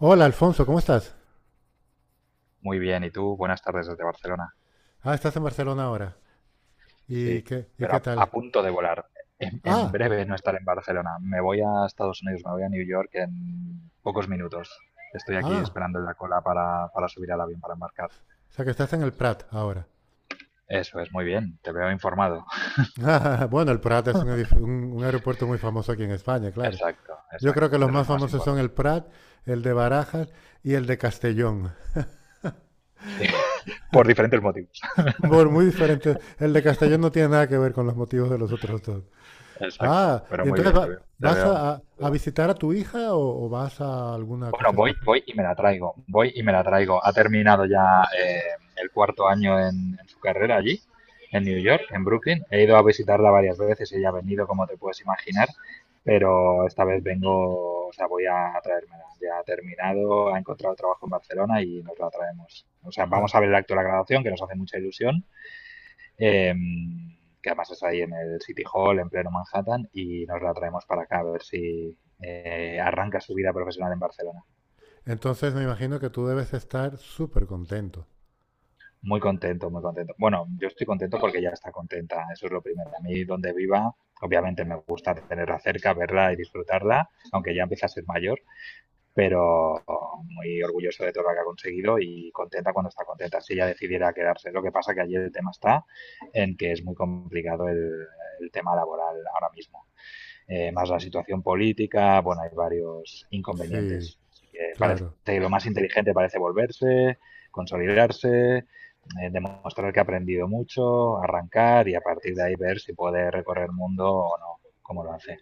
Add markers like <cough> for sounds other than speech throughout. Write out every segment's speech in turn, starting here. Hola Alfonso, ¿cómo estás? Muy bien, ¿y tú? Buenas tardes desde Barcelona. Ah, estás en Barcelona ahora. Sí, ¿Y qué, y pero qué a tal? punto de volar. En Ah, breve no estaré en Barcelona. Me voy a Estados Unidos, me voy a New York en pocos minutos. Estoy aquí ah, esperando en la cola para subir al avión, para embarcar. o sea que estás en el Prat ahora. Eso es, muy bien, te veo informado. <laughs> Bueno, el Prat es un aeropuerto muy famoso aquí en España, claro. Exacto, Yo creo exacto, que los de los más más famosos son el importantes. Prat, el de Barajas y el de Castellón. Sí, <laughs> por diferentes motivos. <laughs> Por muy diferentes. El de Castellón no tiene nada que ver con los motivos de los otros dos. Exacto, Ah, pero y muy entonces bien, te va- veo. Te vas veo. a, a- a visitar a tu hija o vas a alguna Bueno, cosa voy, especial. voy y me la traigo, voy y me la traigo. Ha terminado ya el cuarto año en su carrera allí, en New York, en Brooklyn. He ido a visitarla varias veces, ella ha venido, como te puedes imaginar, pero esta vez vengo, o sea, voy a traérmela. Ya ha terminado, ha encontrado trabajo en Barcelona y nos la traemos. O sea, Ah, vamos a ver el acto de la graduación, que nos hace mucha ilusión, eh, que además es ahí en el City Hall, en pleno Manhattan, y nos la traemos para acá a ver si arranca su vida profesional en Barcelona. entonces me imagino que tú debes estar súper contento. Muy contento, muy contento. Bueno, yo estoy contento porque ya está contenta, eso es lo primero. A mí donde viva, obviamente me gusta tenerla cerca, verla y disfrutarla, aunque ya empieza a ser mayor, pero muy orgulloso de todo lo que ha conseguido y contenta cuando está contenta. Si ella decidiera quedarse, lo que pasa que allí el tema está en que es muy complicado el tema laboral ahora mismo, más la situación política. Bueno, hay varios Sí, inconvenientes. Así que parece claro, que lo más inteligente parece volverse, consolidarse, demostrar que ha aprendido mucho, arrancar y a partir de ahí ver si puede recorrer el mundo o no, como lo hace.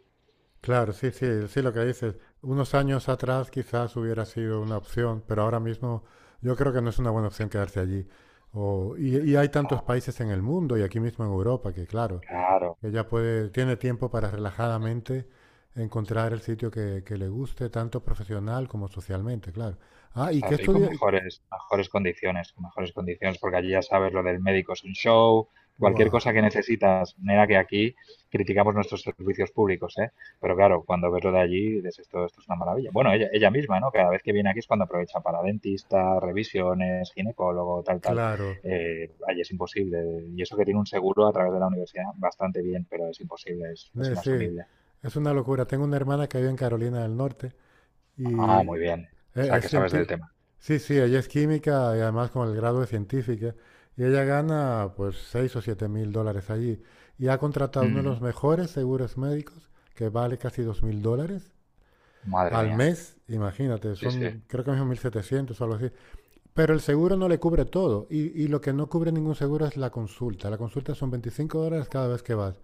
claro, sí, sí, sí, lo que dices. Unos años atrás quizás hubiera sido una opción, pero ahora mismo yo creo que no es una buena opción quedarse allí. Y hay tantos Ah, países en el mundo y aquí mismo en Europa que, claro, claro. ella puede, tiene tiempo para relajadamente encontrar el sitio que le guste, tanto profesional como socialmente, claro. Ah, ¿y qué Exacto, y con estudia? Mejores, mejores condiciones, con mejores condiciones, porque allí ya sabes lo del médico es un show, cualquier cosa Buah, que necesitas, mira que aquí criticamos nuestros servicios públicos, ¿eh? Pero claro, cuando ves lo de allí, dices esto es una maravilla. Bueno, ella misma, ¿no? Cada vez que viene aquí es cuando aprovecha para dentista, revisiones, ginecólogo, tal, tal. claro, Allí es imposible. Y eso que tiene un seguro a través de la universidad, bastante bien, pero es imposible, es sí, inasumible. es una locura. Tengo una hermana que vive en Carolina del Norte. Ah, Y muy e- bien. O sea, que es, sabes del cienti- tema. Sí, sí, ella es química y además con el grado de científica. Y ella gana pues 6 o 7 mil dólares allí. Y ha contratado uno de Ujú. los mejores seguros médicos que vale casi 2.000 dólares Madre al mía. mes. Imagínate, Sí, sí. son creo que mismo 1.700 o algo así. Pero el seguro no le cubre todo. Y lo que no cubre ningún seguro es la consulta. La consulta son 25 dólares cada vez que vas.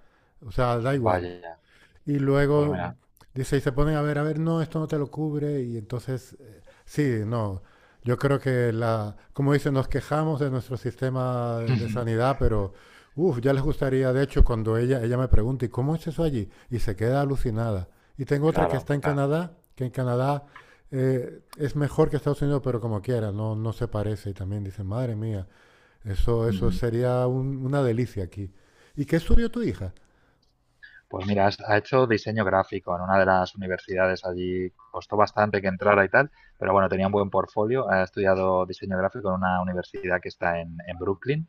O sea, da igual. Vaya. Y Pues luego mira, dice, y se ponen a ver, no, esto no te lo cubre. Y entonces, sí, no. Yo creo que la, como dice, nos quejamos de nuestro sistema de <laughs> sanidad, pero uff, ya les gustaría, de hecho, cuando ella me pregunta, ¿y cómo es eso allí? Y se queda alucinada. Y tengo otra que claro, está en claro. Canadá, que en Canadá es mejor que Estados Unidos, pero como quiera, no, no se parece. Y también dice, madre mía, eso Ujú. sería una delicia aquí. ¿Y qué estudió tu hija? Pues mira, ha hecho diseño gráfico en una de las universidades allí, costó bastante que entrara y tal, pero bueno, tenía un buen portfolio, ha estudiado diseño gráfico en una universidad que está en Brooklyn.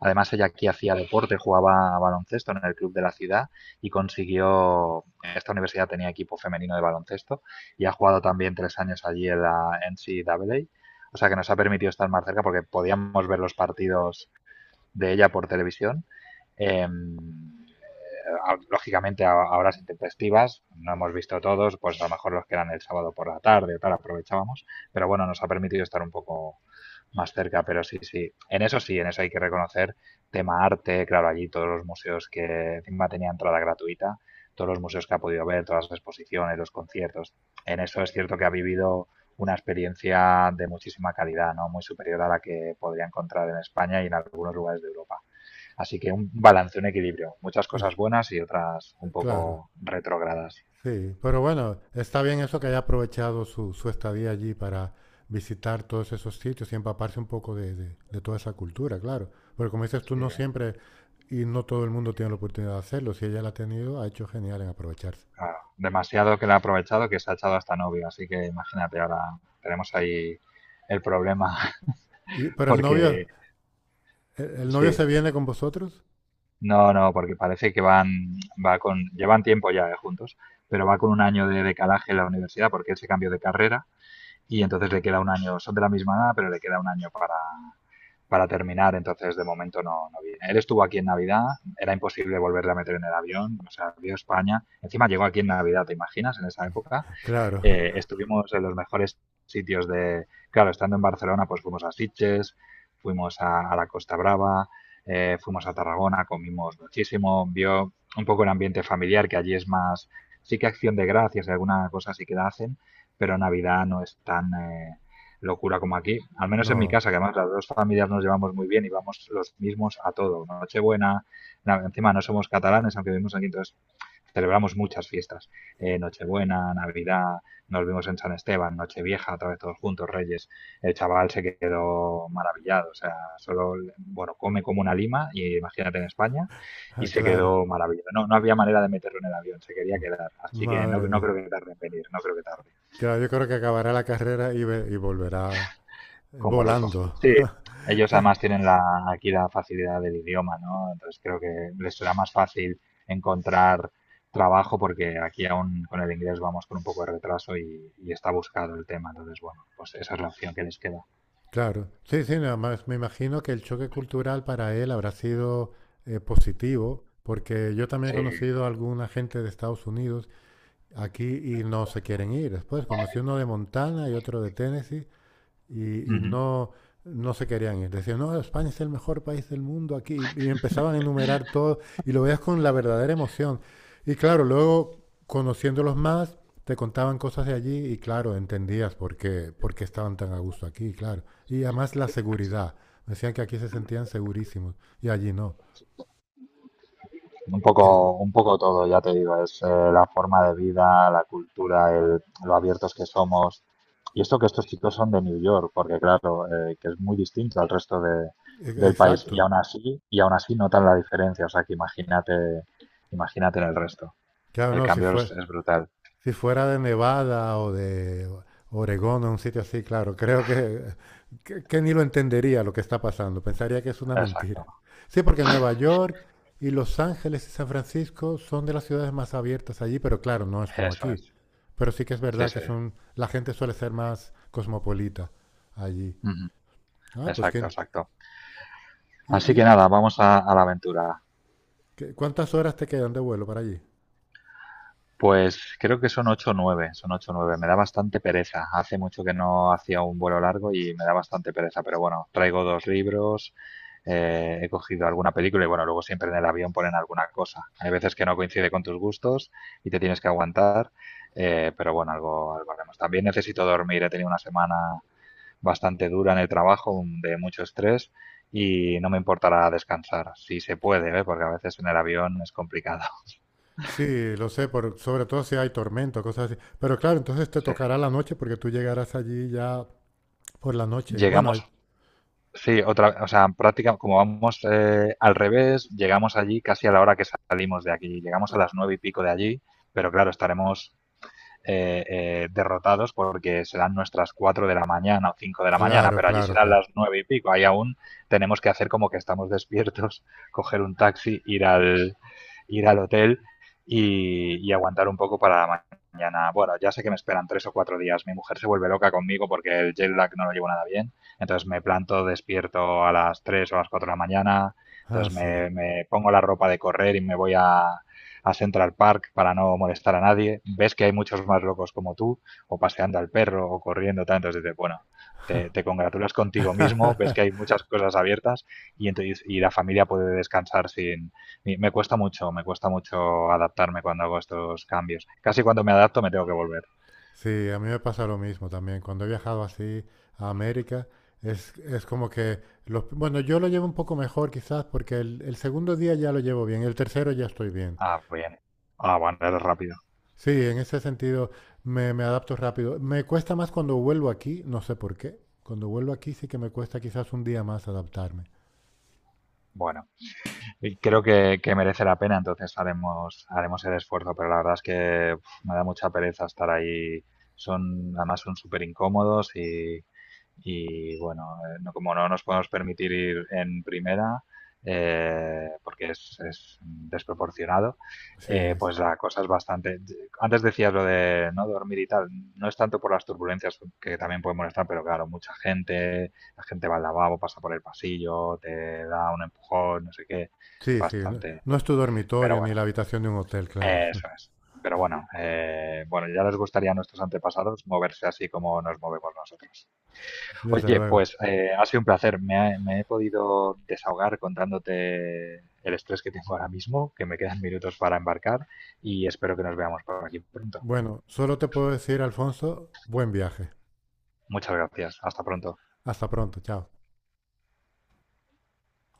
Además, ella aquí hacía deporte, jugaba a baloncesto en el club de la ciudad y consiguió, esta universidad tenía equipo femenino de baloncesto y ha jugado también tres años allí en la N C A. A. O sea que nos ha permitido estar más cerca porque podíamos ver los partidos de ella por televisión. Em, lógicamente a horas intempestivas, no hemos visto todos, pues a lo mejor los que eran el sábado por la tarde o tal, aprovechábamos, pero bueno, nos ha permitido estar un poco más cerca, pero sí, sí, en eso hay que reconocer tema arte, claro, allí todos los museos que encima tenía entrada gratuita, todos los museos que ha podido ver, todas las exposiciones, los conciertos, en eso es cierto que ha vivido una experiencia de muchísima calidad, ¿no? Muy superior a la que podría encontrar en España y en algunos lugares de Europa. Así que un balance, un equilibrio. Muchas Es- cosas buenas y otras un claro. poco retrogradas. Sí, pero bueno, está bien eso que haya aprovechado su estadía allí para visitar todos esos sitios y empaparse un poco de, de toda esa cultura, claro. Porque como dices tú, Sí, no siempre y no todo el mundo tiene la oportunidad de hacerlo. Si ella la ha tenido, ha hecho genial en aprovecharse. claro. Demasiado que le ha aprovechado que se ha echado hasta novio. Así que imagínate, ahora tenemos ahí el problema. Y, <laughs> pero el novio, Porque el novio sí, se viene con vosotros? no, no, porque parece que van, va con, llevan tiempo ya juntos, pero va con un año de decalaje en la universidad porque él se cambió de carrera y entonces le queda un año, son de la misma edad, pero le queda un año para terminar, entonces de momento no, no viene. Él estuvo aquí en Navidad, era imposible volverle a meter en el avión, o sea, vio España. Encima llegó aquí en Navidad, ¿te imaginas? En esa época Claro, estuvimos en los mejores sitios de, claro, estando en Barcelona, pues fuimos a Sitges, fuimos a la Costa Brava, fuimos a Tarragona, comimos muchísimo, vio un poco el ambiente familiar, que allí es más, sí que acción de gracias y alguna cosa sí que la hacen, pero Navidad no es tan locura como aquí, al <laughs> menos en mi no, casa, que además las dos familias nos llevamos muy bien y vamos los mismos a todo, Nochebuena, encima no somos catalanes, aunque vivimos aquí, entonces celebramos muchas fiestas. Nochebuena, Navidad, nos vimos en San Esteban, Nochevieja, otra vez todos juntos, Reyes. El chaval se quedó maravillado, o sea, solo, bueno, come como una lima, y imagínate en España, y <laughs> se claro. quedó maravillado. No, no había manera de meterlo en el avión, se quería quedar. Así que no, Madre no mía. creo que tarde en venir, no creo que tarde. Claro, yo creo que acabará la carrera y volverá Como loco. volando. Sí, <laughs> ellos además tienen la, aquí la facilidad del idioma, ¿no? Entonces creo que les será más fácil encontrar trabajo porque aquí aún con el inglés vamos con un poco de retraso y está buscado el tema. Entonces, bueno, pues esa es la opción que les queda. Claro, sí, sí, nada más me imagino que el choque cultural para él habrá sido positivo, porque yo también he Sí. conocido a alguna gente de Estados Unidos aquí y no se quieren ir. Después conocí uno de Montana y otro de Tennessee y Ujú. no, no se querían ir. Decían, no, España es el mejor país del mundo aquí. Y empezaban a enumerar todo y lo veías con la verdadera emoción. Y claro, luego conociéndolos más, te contaban cosas de allí y claro, entendías por qué estaban tan a gusto aquí, claro. Y además la seguridad. Decían que aquí se sentían segurísimos y allí no. ¿Qué? Un poco todo, ya te digo, es la forma de vida, la cultura, lo abiertos que somos. Y esto que estos chicos son de New York, porque claro, que es muy distinto al resto de, del país. Exacto. Y aún así notan la diferencia. O sea que imagínate, imagínate en el resto. Claro, El no, si cambio es, fue. es brutal. Si fuera de Nevada o de Oregón o un sitio así, claro, creo que ni lo entendería lo que está pasando. Pensaría que es una mentira. Exacto. Sí, porque Nueva York y Los Ángeles y San Francisco son de las ciudades más abiertas allí, pero claro, no es como Eso aquí. es. Pero sí que es Sí, verdad que sí. son, la gente suele ser más cosmopolita allí. Ujú. Ah, pues Exacto, ¿qué, exacto. y, Así que y, nada, vamos a la aventura. qué- ¿cuántas horas te quedan de vuelo para allí? Pues creo que son 8 o nueve, son 8 o nueve. Me da bastante pereza. Hace mucho que no hacía un vuelo largo y me da bastante pereza, pero bueno, traigo dos libros, he cogido alguna película y bueno, luego siempre en el avión ponen alguna cosa. Hay veces que no coincide con tus gustos y te tienes que aguantar, pero bueno, algo, algo haremos. También necesito dormir, he tenido una semana bastante dura en el trabajo, de mucho estrés, y no me importará descansar, si se puede, ¿eh? Porque a veces en el avión es complicado. <laughs> Sí, lo sé, por, sobre todo si hay tormento, cosas así. Pero claro, entonces te Sí. tocará la noche porque tú llegarás allí ya por la noche. Llegamos. Sí, otra, o sea, práctica, como vamos al revés, llegamos allí casi a la hora que salimos de aquí. Llegamos a las nueve y pico de allí, pero claro, estaremos derrotados porque serán nuestras 4 de la mañana o 5 de la mañana, Claro, pero allí claro, serán claro. las 9 y pico. Ahí aún tenemos que hacer como que estamos despiertos, <laughs> coger un taxi, ir al hotel y aguantar un poco para la mañana. Bueno, ya sé que me esperan 3 o 4 días. Mi mujer se vuelve loca conmigo porque el jet lag no lo llevo nada bien. Entonces me planto despierto a las 3 o a las 4 de la mañana. Ah, Entonces sí. me pongo la ropa de correr y me voy a Central Park para no molestar a nadie, ves que hay muchos más locos como tú, o paseando al perro, o corriendo, tanto entonces bueno, te congratulas contigo mismo, ves que hay <laughs> muchas cosas abiertas y, entonces, y la familia puede descansar sin. Y me cuesta mucho, me cuesta mucho adaptarme cuando hago estos cambios. Casi cuando me adapto me tengo que volver. Sí, a mí me pasa lo mismo también. Cuando he viajado así a América, es como que... bueno, yo lo llevo un poco mejor quizás porque el segundo día ya lo llevo bien, el tercero ya estoy bien. Ah, bien. Ah, bueno, eres rápido. Sí, en ese sentido me adapto rápido. Me cuesta más cuando vuelvo aquí, no sé por qué. Cuando vuelvo aquí sí que me cuesta quizás un día más adaptarme. Bueno. Y creo que merece la pena, entonces haremos el esfuerzo, pero la verdad es que uf, me da mucha pereza estar ahí. Son, además son súper incómodos y bueno, no, como no nos podemos permitir ir en primera, porque es desproporcionado, Sí, pues la cosa es bastante. Antes decías lo de no dormir y tal, no es tanto por las turbulencias que también pueden molestar, pero claro, mucha gente, la gente va al lavabo, pasa por el pasillo, te da un empujón, no sé qué, es sí, sí. No, bastante. no es tu Pero dormitorio ni bueno, la habitación de un hotel, claro. eso <laughs> es. Pero bueno, bueno, ya les gustaría a nuestros antepasados moverse así como nos movemos nosotros. Desde Oye, luego. pues ha sido un placer. Me he podido desahogar contándote el estrés que tengo ahora mismo, que me quedan minutos para embarcar y espero que nos veamos por aquí pronto. Bueno, solo te puedo decir, Alfonso, buen viaje. Muchas gracias. Hasta pronto. Hasta pronto, chao.